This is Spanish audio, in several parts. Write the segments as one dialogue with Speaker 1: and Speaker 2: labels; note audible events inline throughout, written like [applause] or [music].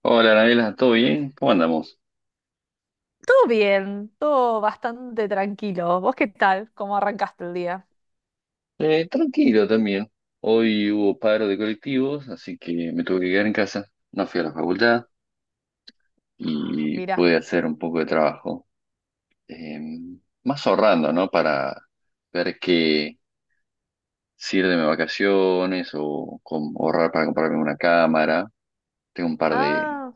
Speaker 1: Hola, Anabela, ¿todo bien? ¿Cómo andamos?
Speaker 2: Todo bien, todo bastante tranquilo. ¿Vos qué tal? ¿Cómo arrancaste el día?
Speaker 1: Tranquilo también. Hoy hubo paro de colectivos, así que me tuve que quedar en casa. No fui a la facultad
Speaker 2: Ah,
Speaker 1: y
Speaker 2: mira.
Speaker 1: pude hacer un poco de trabajo. Eh, Más ahorrando, ¿no? Para ver qué sirve de vacaciones o ahorrar para comprarme una cámara. Tengo un par de,
Speaker 2: Ah,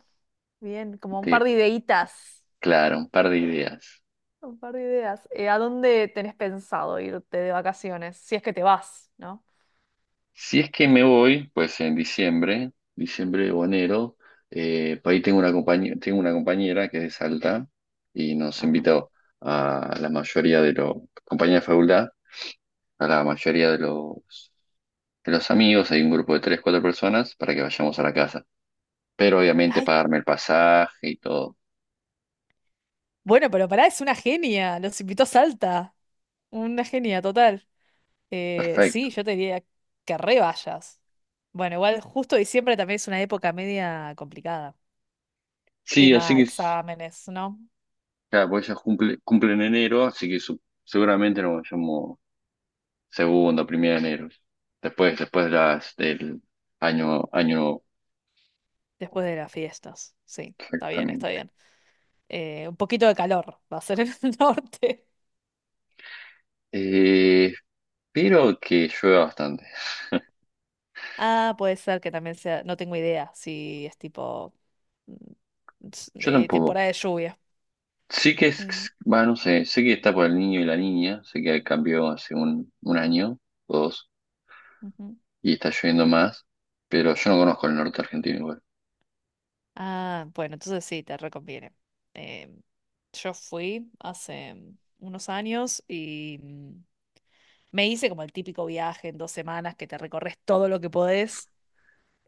Speaker 2: bien, como un
Speaker 1: de-
Speaker 2: par de ideitas.
Speaker 1: claro, un par de ideas.
Speaker 2: Un par de ideas. ¿A dónde tenés pensado irte de vacaciones? Si es que te vas, ¿no?
Speaker 1: Si es que me voy, pues en diciembre, diciembre o enero, por ahí tengo una compañía, tengo una compañera que es de Salta y nos
Speaker 2: Ajá.
Speaker 1: invitó a la mayoría de los, compañía de facultad, a la mayoría de los amigos, hay un grupo de tres, cuatro personas para que vayamos a la casa. Pero obviamente
Speaker 2: Ay,
Speaker 1: pagarme el pasaje y todo.
Speaker 2: bueno, pero pará, es una genia. Los invitó a Salta. Una genia total.
Speaker 1: Perfecto.
Speaker 2: Sí, yo te diría que re vayas. Bueno, igual justo diciembre también es una época media complicada.
Speaker 1: Sí, así
Speaker 2: Tema
Speaker 1: que,
Speaker 2: exámenes, ¿no?
Speaker 1: claro, porque ella cumple en enero, así que seguramente nos vayamos. Segundo, primero de enero. Después de las del año,
Speaker 2: Después de las fiestas, sí, está bien, está
Speaker 1: exactamente.
Speaker 2: bien. Un poquito de calor va a ser en el [laughs] norte.
Speaker 1: Eh, pero que llueva bastante.
Speaker 2: Ah, puede ser que también sea, no tengo idea si es tipo mm,
Speaker 1: Yo tampoco.
Speaker 2: temporada de lluvia.
Speaker 1: Sí que
Speaker 2: Eh,
Speaker 1: es, bueno, no sé, sé que está por el niño y la niña, sé que cambió hace un año o dos
Speaker 2: ujú.
Speaker 1: y está lloviendo más, pero yo no conozco el norte argentino igual.
Speaker 2: Ah, bueno, entonces sí, te reconviene. Eh, yo fui hace unos años y me hice como el típico viaje en 2 semanas que te recorres todo lo que podés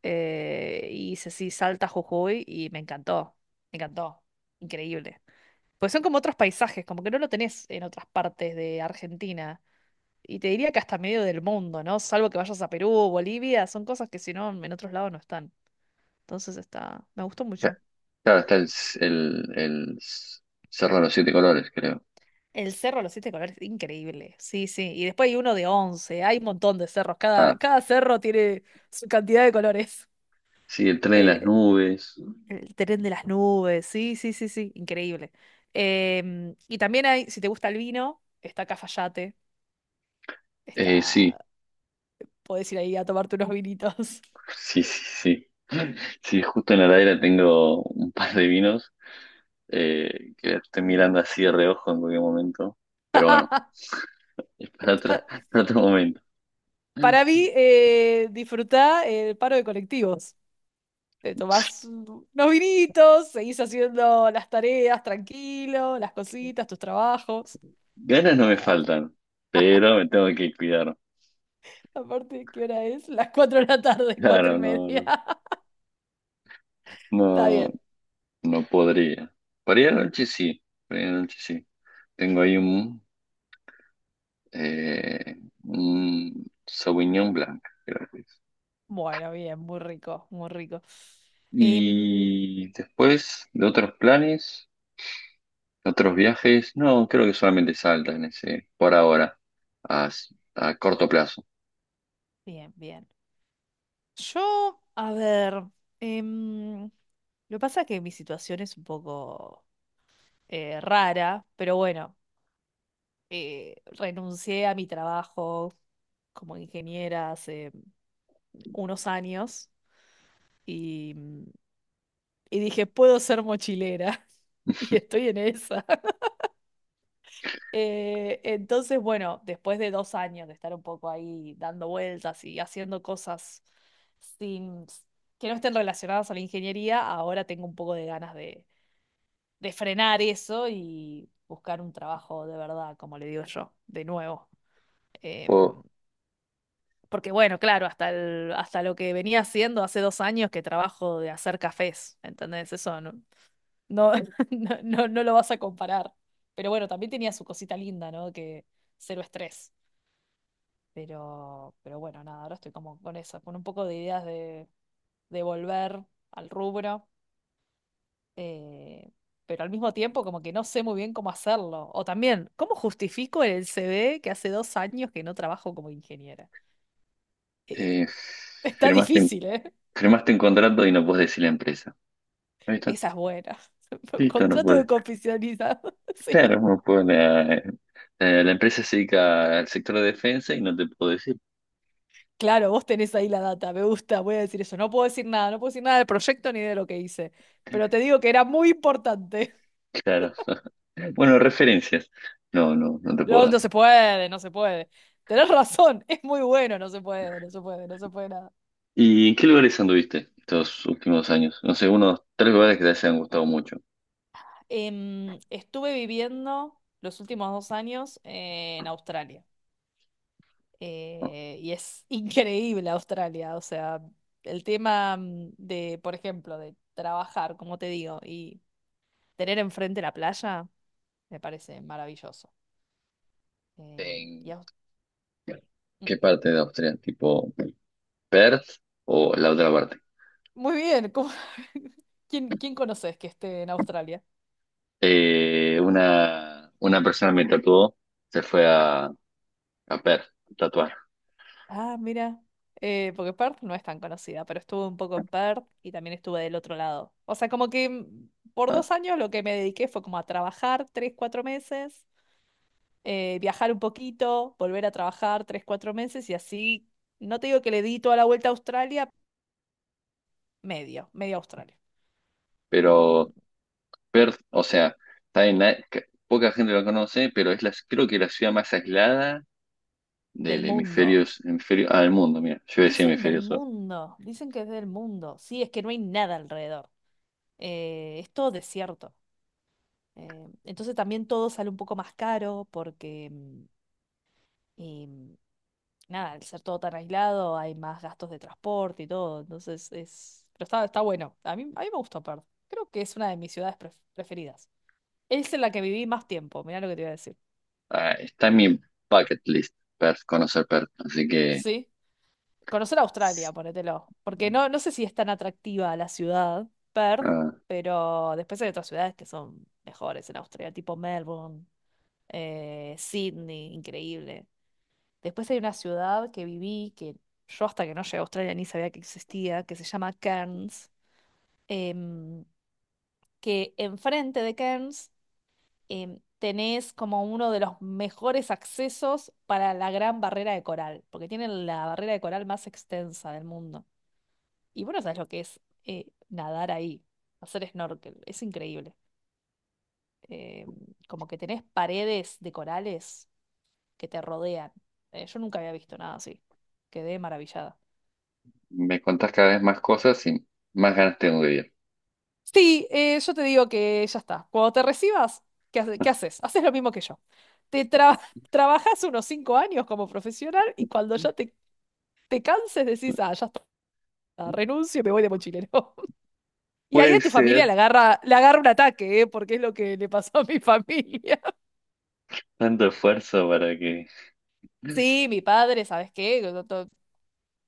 Speaker 2: eh, y hice así Salta, Jujuy y me encantó, increíble. Pues son como otros paisajes, como que no lo tenés en otras partes de Argentina. Y te diría que hasta medio del mundo, ¿no? Salvo que vayas a Perú o Bolivia, son cosas que si no, en otros lados no están. Entonces está, me gustó
Speaker 1: Ca-
Speaker 2: mucho.
Speaker 1: Claro, está el Cerro de los Siete Colores, creo.
Speaker 2: El cerro de los siete colores, increíble. Sí, sí. Y después hay uno de once. Hay un montón de cerros. Cada,
Speaker 1: Ah,
Speaker 2: cada cerro tiene su cantidad de colores.
Speaker 1: sí, el tren de las
Speaker 2: Eh,
Speaker 1: nubes.
Speaker 2: El tren de las nubes, sí, sí, sí, sí, increíble. Em, y también hay, si te gusta el vino, está Cafayate,
Speaker 1: Sí,
Speaker 2: está, podés ir ahí a tomarte unos vinitos.
Speaker 1: sí, sí, sí. Sí, justo en la heladera tengo un par de vinos que estoy mirando así de reojo en cualquier momento. Pero bueno, [laughs] es
Speaker 2: [laughs]
Speaker 1: para otro momento.
Speaker 2: Para mí, disfrutá el paro de colectivos.
Speaker 1: Sí,
Speaker 2: Unos vinitos, seguís haciendo las tareas tranquilo, las cositas, tus trabajos.
Speaker 1: ganas no me
Speaker 2: Nada.
Speaker 1: faltan, pero me tengo que cuidar.
Speaker 2: [laughs] Aparte, ¿qué hora es? Las 4 de la tarde, [laughs] cuatro y
Speaker 1: Claro, no,
Speaker 2: media.
Speaker 1: no,
Speaker 2: [laughs] Está
Speaker 1: no,
Speaker 2: bien.
Speaker 1: no podría. Para ir a la noche sí, para ir a la noche sí. Tengo ahí eh, un Sauvignon Blanc, creo que es.
Speaker 2: Bueno, bien, muy rico, muy rico. Em,
Speaker 1: Y después de otros planes. ¿Otros viajes? No, creo que solamente Salta en ese, por ahora, a, a corto plazo.
Speaker 2: Bien, bien. Yo, a ver, lo que pasa es que mi situación es un poco rara, pero bueno, renuncié a mi trabajo como ingeniera hace unos años y, y dije, puedo ser mochilera [laughs] y estoy en esa. Entonces, bueno, después de 2 años de estar un poco ahí dando vueltas y haciendo cosas sin, que no estén relacionadas a la ingeniería, ahora tengo un poco de ganas de frenar eso y buscar un trabajo de verdad, como le digo yo, de nuevo. Em,
Speaker 1: O,
Speaker 2: Porque bueno, claro, hasta lo que venía haciendo hace 2 años que trabajo de hacer cafés, ¿entendés? Eso no, [laughs] no lo vas a comparar. Pero bueno, también tenía su cosita linda, ¿no? Que cero estrés. Pero bueno, nada, ahora estoy como con eso, con un poco de ideas de volver al rubro, eh, pero al mismo tiempo como que no sé muy bien cómo hacerlo. O también, ¿cómo justifico en el CV que hace 2 años que no trabajo como ingeniera? Eh,
Speaker 1: eh,
Speaker 2: [laughs] está
Speaker 1: firmaste, un-
Speaker 2: difícil, ¿eh?
Speaker 1: Firmaste un contrato y no puedes decir la empresa. Ahí está.
Speaker 2: Esa es buena. [laughs]
Speaker 1: Listo, no
Speaker 2: Contrato
Speaker 1: puedes.
Speaker 2: de confidencialidad, [laughs] sí.
Speaker 1: Claro, no puedes. La empresa se dedica al sector de defensa y no te puedo decir.
Speaker 2: Claro, vos tenés ahí la data, me gusta, voy a decir eso. No puedo decir nada, no puedo decir nada del proyecto ni de lo que hice, pero te digo que era muy importante.
Speaker 1: Claro. Bueno, referencias. No, no, no te puedo
Speaker 2: No,
Speaker 1: dar.
Speaker 2: no se puede, no se puede. Tenés razón, [laughs] es muy bueno, no se puede, no se puede, no se puede nada.
Speaker 1: ¿Y en qué lugares anduviste estos últimos años? No sé, unos tres lugares que te hayan gustado mucho.
Speaker 2: Em, estuve viviendo los últimos 2 años en Australia.
Speaker 1: ¿No?
Speaker 2: Y es [laughs] increíble Australia. O sea, el tema de, por ejemplo, de trabajar, como te digo, y tener enfrente la playa, me parece maravilloso. Eh, y
Speaker 1: ¿En
Speaker 2: Aus-
Speaker 1: qué parte de Austria? Tipo. Perth o la otra parte.
Speaker 2: Muy bien, ¿cómo- [laughs] ¿Quién, quién conoces que esté en Australia?
Speaker 1: Una persona me tatuó, se fue a Perth, a tatuar.
Speaker 2: Ah, mira, porque Perth no es tan conocida, pero estuve un poco en Perth y también estuve del otro lado. O sea, como que por
Speaker 1: Ah,
Speaker 2: dos años lo que me dediqué fue como a trabajar 3, 4 meses, viajar un poquito, volver a trabajar 3, 4 meses y así, no te digo que le di toda la vuelta a Australia, medio, medio Australia.
Speaker 1: pero
Speaker 2: Em,
Speaker 1: Perth, o sea, está que poca gente lo conoce, pero es la, creo que la ciudad más aislada
Speaker 2: Del mundo.
Speaker 1: del mundo, mira, yo decía
Speaker 2: Dicen del
Speaker 1: hemisferio sur.
Speaker 2: mundo, dicen que es del mundo. Sí, es que no hay nada alrededor. Es todo desierto. Entonces también todo sale un poco más caro porque, mm, y, mm, nada, al ser todo tan aislado hay más gastos de transporte y todo. Entonces es... Pero está, está bueno. A mí me gustó Perth. Creo que es una de mis ciudades pref- preferidas. Es en la que viví más tiempo, mirá lo que te iba a decir.
Speaker 1: Ah, está en mi bucket list, Perth, conocer Perth, así que
Speaker 2: Sí. Conocer Australia, ponételo. Porque no, no sé si es tan atractiva la ciudad, Perth,
Speaker 1: ah,
Speaker 2: pero después hay otras ciudades que son mejores en Australia, tipo Melbourne, Sydney, increíble. Después hay una ciudad que viví, que yo hasta que no llegué a Australia ni sabía que existía, que se llama Cairns, em, que enfrente de Cairns tenés como uno de los mejores accesos para la gran barrera de coral, porque tienen la barrera de coral más extensa del mundo. Y bueno, sabes lo que es nadar ahí, hacer snorkel, es increíble. Em, Como que tenés paredes de corales que te rodean. Yo nunca había visto nada así. Quedé maravillada.
Speaker 1: me contás cada vez más cosas y más ganas tengo de ir.
Speaker 2: Sí, yo te digo que ya está. Cuando te recibas, ¿qué haces? Haces lo mismo que yo. Te tra- [laughs] Trabajas unos 5 años como profesional y cuando ya te canses decís, ah, ya está, renuncio y me voy de mochilero. [laughs] Y ahí a
Speaker 1: Puede
Speaker 2: tu familia
Speaker 1: ser.
Speaker 2: le agarra un ataque, ¿eh? Porque es lo que le pasó a mi familia. [laughs]
Speaker 1: Tanto esfuerzo para que...
Speaker 2: Sí, mi padre, ¿sabes qué? Yo to-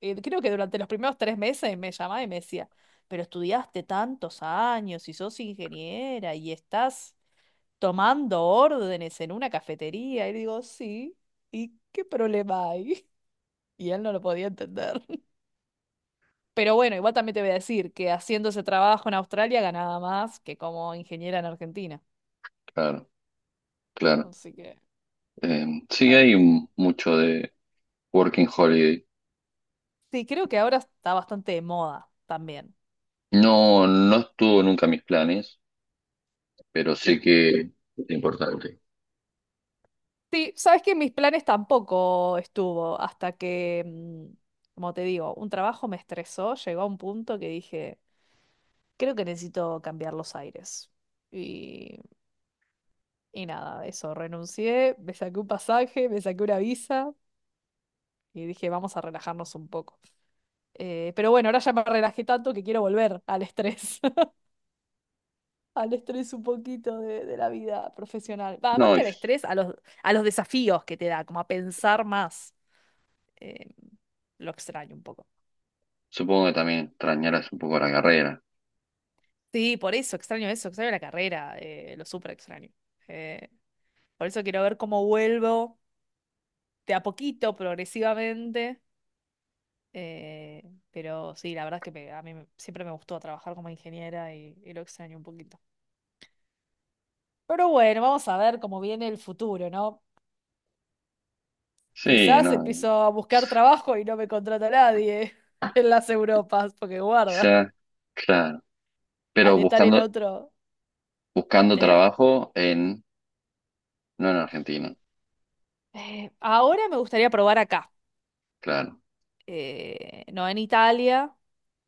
Speaker 2: eh, Creo que durante los primeros 3 meses me llamaba y me decía, pero estudiaste tantos años y sos ingeniera y estás tomando órdenes en una cafetería. Y digo, sí, ¿y qué problema hay? [laughs] Y él no lo podía entender. [laughs] Pero bueno, igual también te voy a decir que haciendo ese trabajo en Australia ganaba más que como ingeniera en Argentina.
Speaker 1: Claro, claro.
Speaker 2: Así que...
Speaker 1: Sí,
Speaker 2: ah,
Speaker 1: hay mucho de Working Holiday.
Speaker 2: sí, creo que ahora está bastante de moda también.
Speaker 1: No, no estuvo nunca en mis planes, pero sé que es importante.
Speaker 2: Sí, sabes que en mis planes tampoco estuvo hasta que, como te digo, un trabajo me estresó, llegó a un punto que dije, creo que necesito cambiar los aires. y Y nada, eso, renuncié, me saqué un pasaje, me saqué una visa y dije, vamos a relajarnos un poco. Pero bueno, ahora ya me relajé tanto que quiero volver al estrés, [laughs] al estrés un poquito de la vida profesional. Va, más
Speaker 1: No, y
Speaker 2: que al estrés, a los desafíos que te da, como a pensar más. Eh, lo extraño un poco.
Speaker 1: supongo que también extrañarás un poco la carrera.
Speaker 2: Sí, por eso, extraño la carrera, lo súper extraño. Eh, por eso quiero ver cómo vuelvo de a poquito, progresivamente. Eh, pero sí, la verdad es que siempre me gustó trabajar como ingeniera y lo extraño un poquito. Pero bueno, vamos a ver cómo viene el futuro, ¿no?
Speaker 1: Sí,
Speaker 2: Quizás
Speaker 1: no,
Speaker 2: empiezo a buscar trabajo y no me contrata nadie [laughs] en las Europas, porque guarda,
Speaker 1: quizá, claro.
Speaker 2: al
Speaker 1: Pero
Speaker 2: estar en
Speaker 1: buscando,
Speaker 2: otro...
Speaker 1: buscando
Speaker 2: ¿Eh?
Speaker 1: trabajo no en Argentina,
Speaker 2: Ahora me gustaría probar acá,
Speaker 1: claro.
Speaker 2: no en Italia,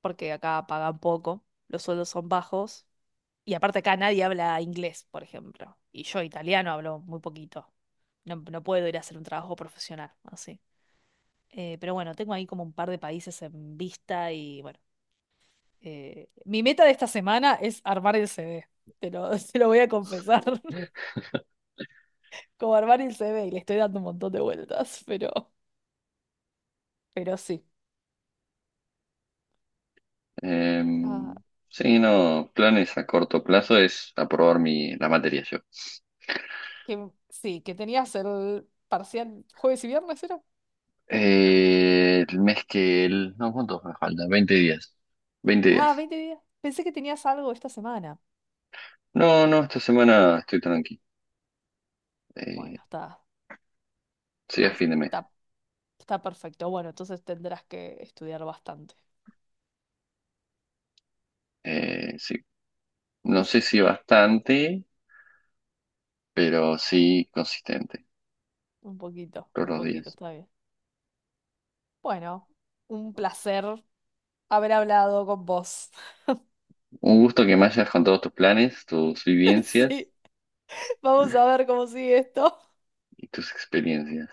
Speaker 2: porque acá pagan poco, los sueldos son bajos. Y aparte acá nadie habla inglés, por ejemplo. Y yo italiano hablo muy poquito. No, no puedo ir a hacer un trabajo profesional, así. Pero bueno, tengo ahí como un par de países en vista y bueno. Mi meta de esta semana es armar el CV. Te lo, [laughs] te lo voy a confesar. [laughs] Como armar el CV y le estoy dando un montón de vueltas, pero sí.
Speaker 1: Eh,
Speaker 2: Ah,
Speaker 1: sí, no, planes a corto plazo es aprobar la materia.
Speaker 2: que, sí, que tenías el parcial jueves y viernes, ¿era?
Speaker 1: El mes que el... No, ¿cuántos me faltan? 20 días. 20 días.
Speaker 2: Ah, 20 días. Pensé que tenías algo esta semana.
Speaker 1: No, no, esta semana estoy tranqui. Eh,
Speaker 2: Bueno,
Speaker 1: Sería fin de mes.
Speaker 2: está Está perfecto. Bueno, entonces tendrás que estudiar bastante.
Speaker 1: Sí. No sé
Speaker 2: [laughs]
Speaker 1: si bastante, pero sí consistente todos
Speaker 2: Un
Speaker 1: los
Speaker 2: poquito,
Speaker 1: días.
Speaker 2: está bien. Bueno, un placer haber hablado con vos.
Speaker 1: Un gusto que me hayas contado tus planes, tus
Speaker 2: [laughs]
Speaker 1: vivencias
Speaker 2: Sí, vamos a ver cómo sigue esto.
Speaker 1: y tus experiencias.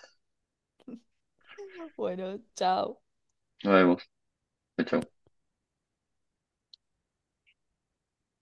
Speaker 2: [laughs] Bueno, chao.
Speaker 1: Nos vemos. Chao. Chao.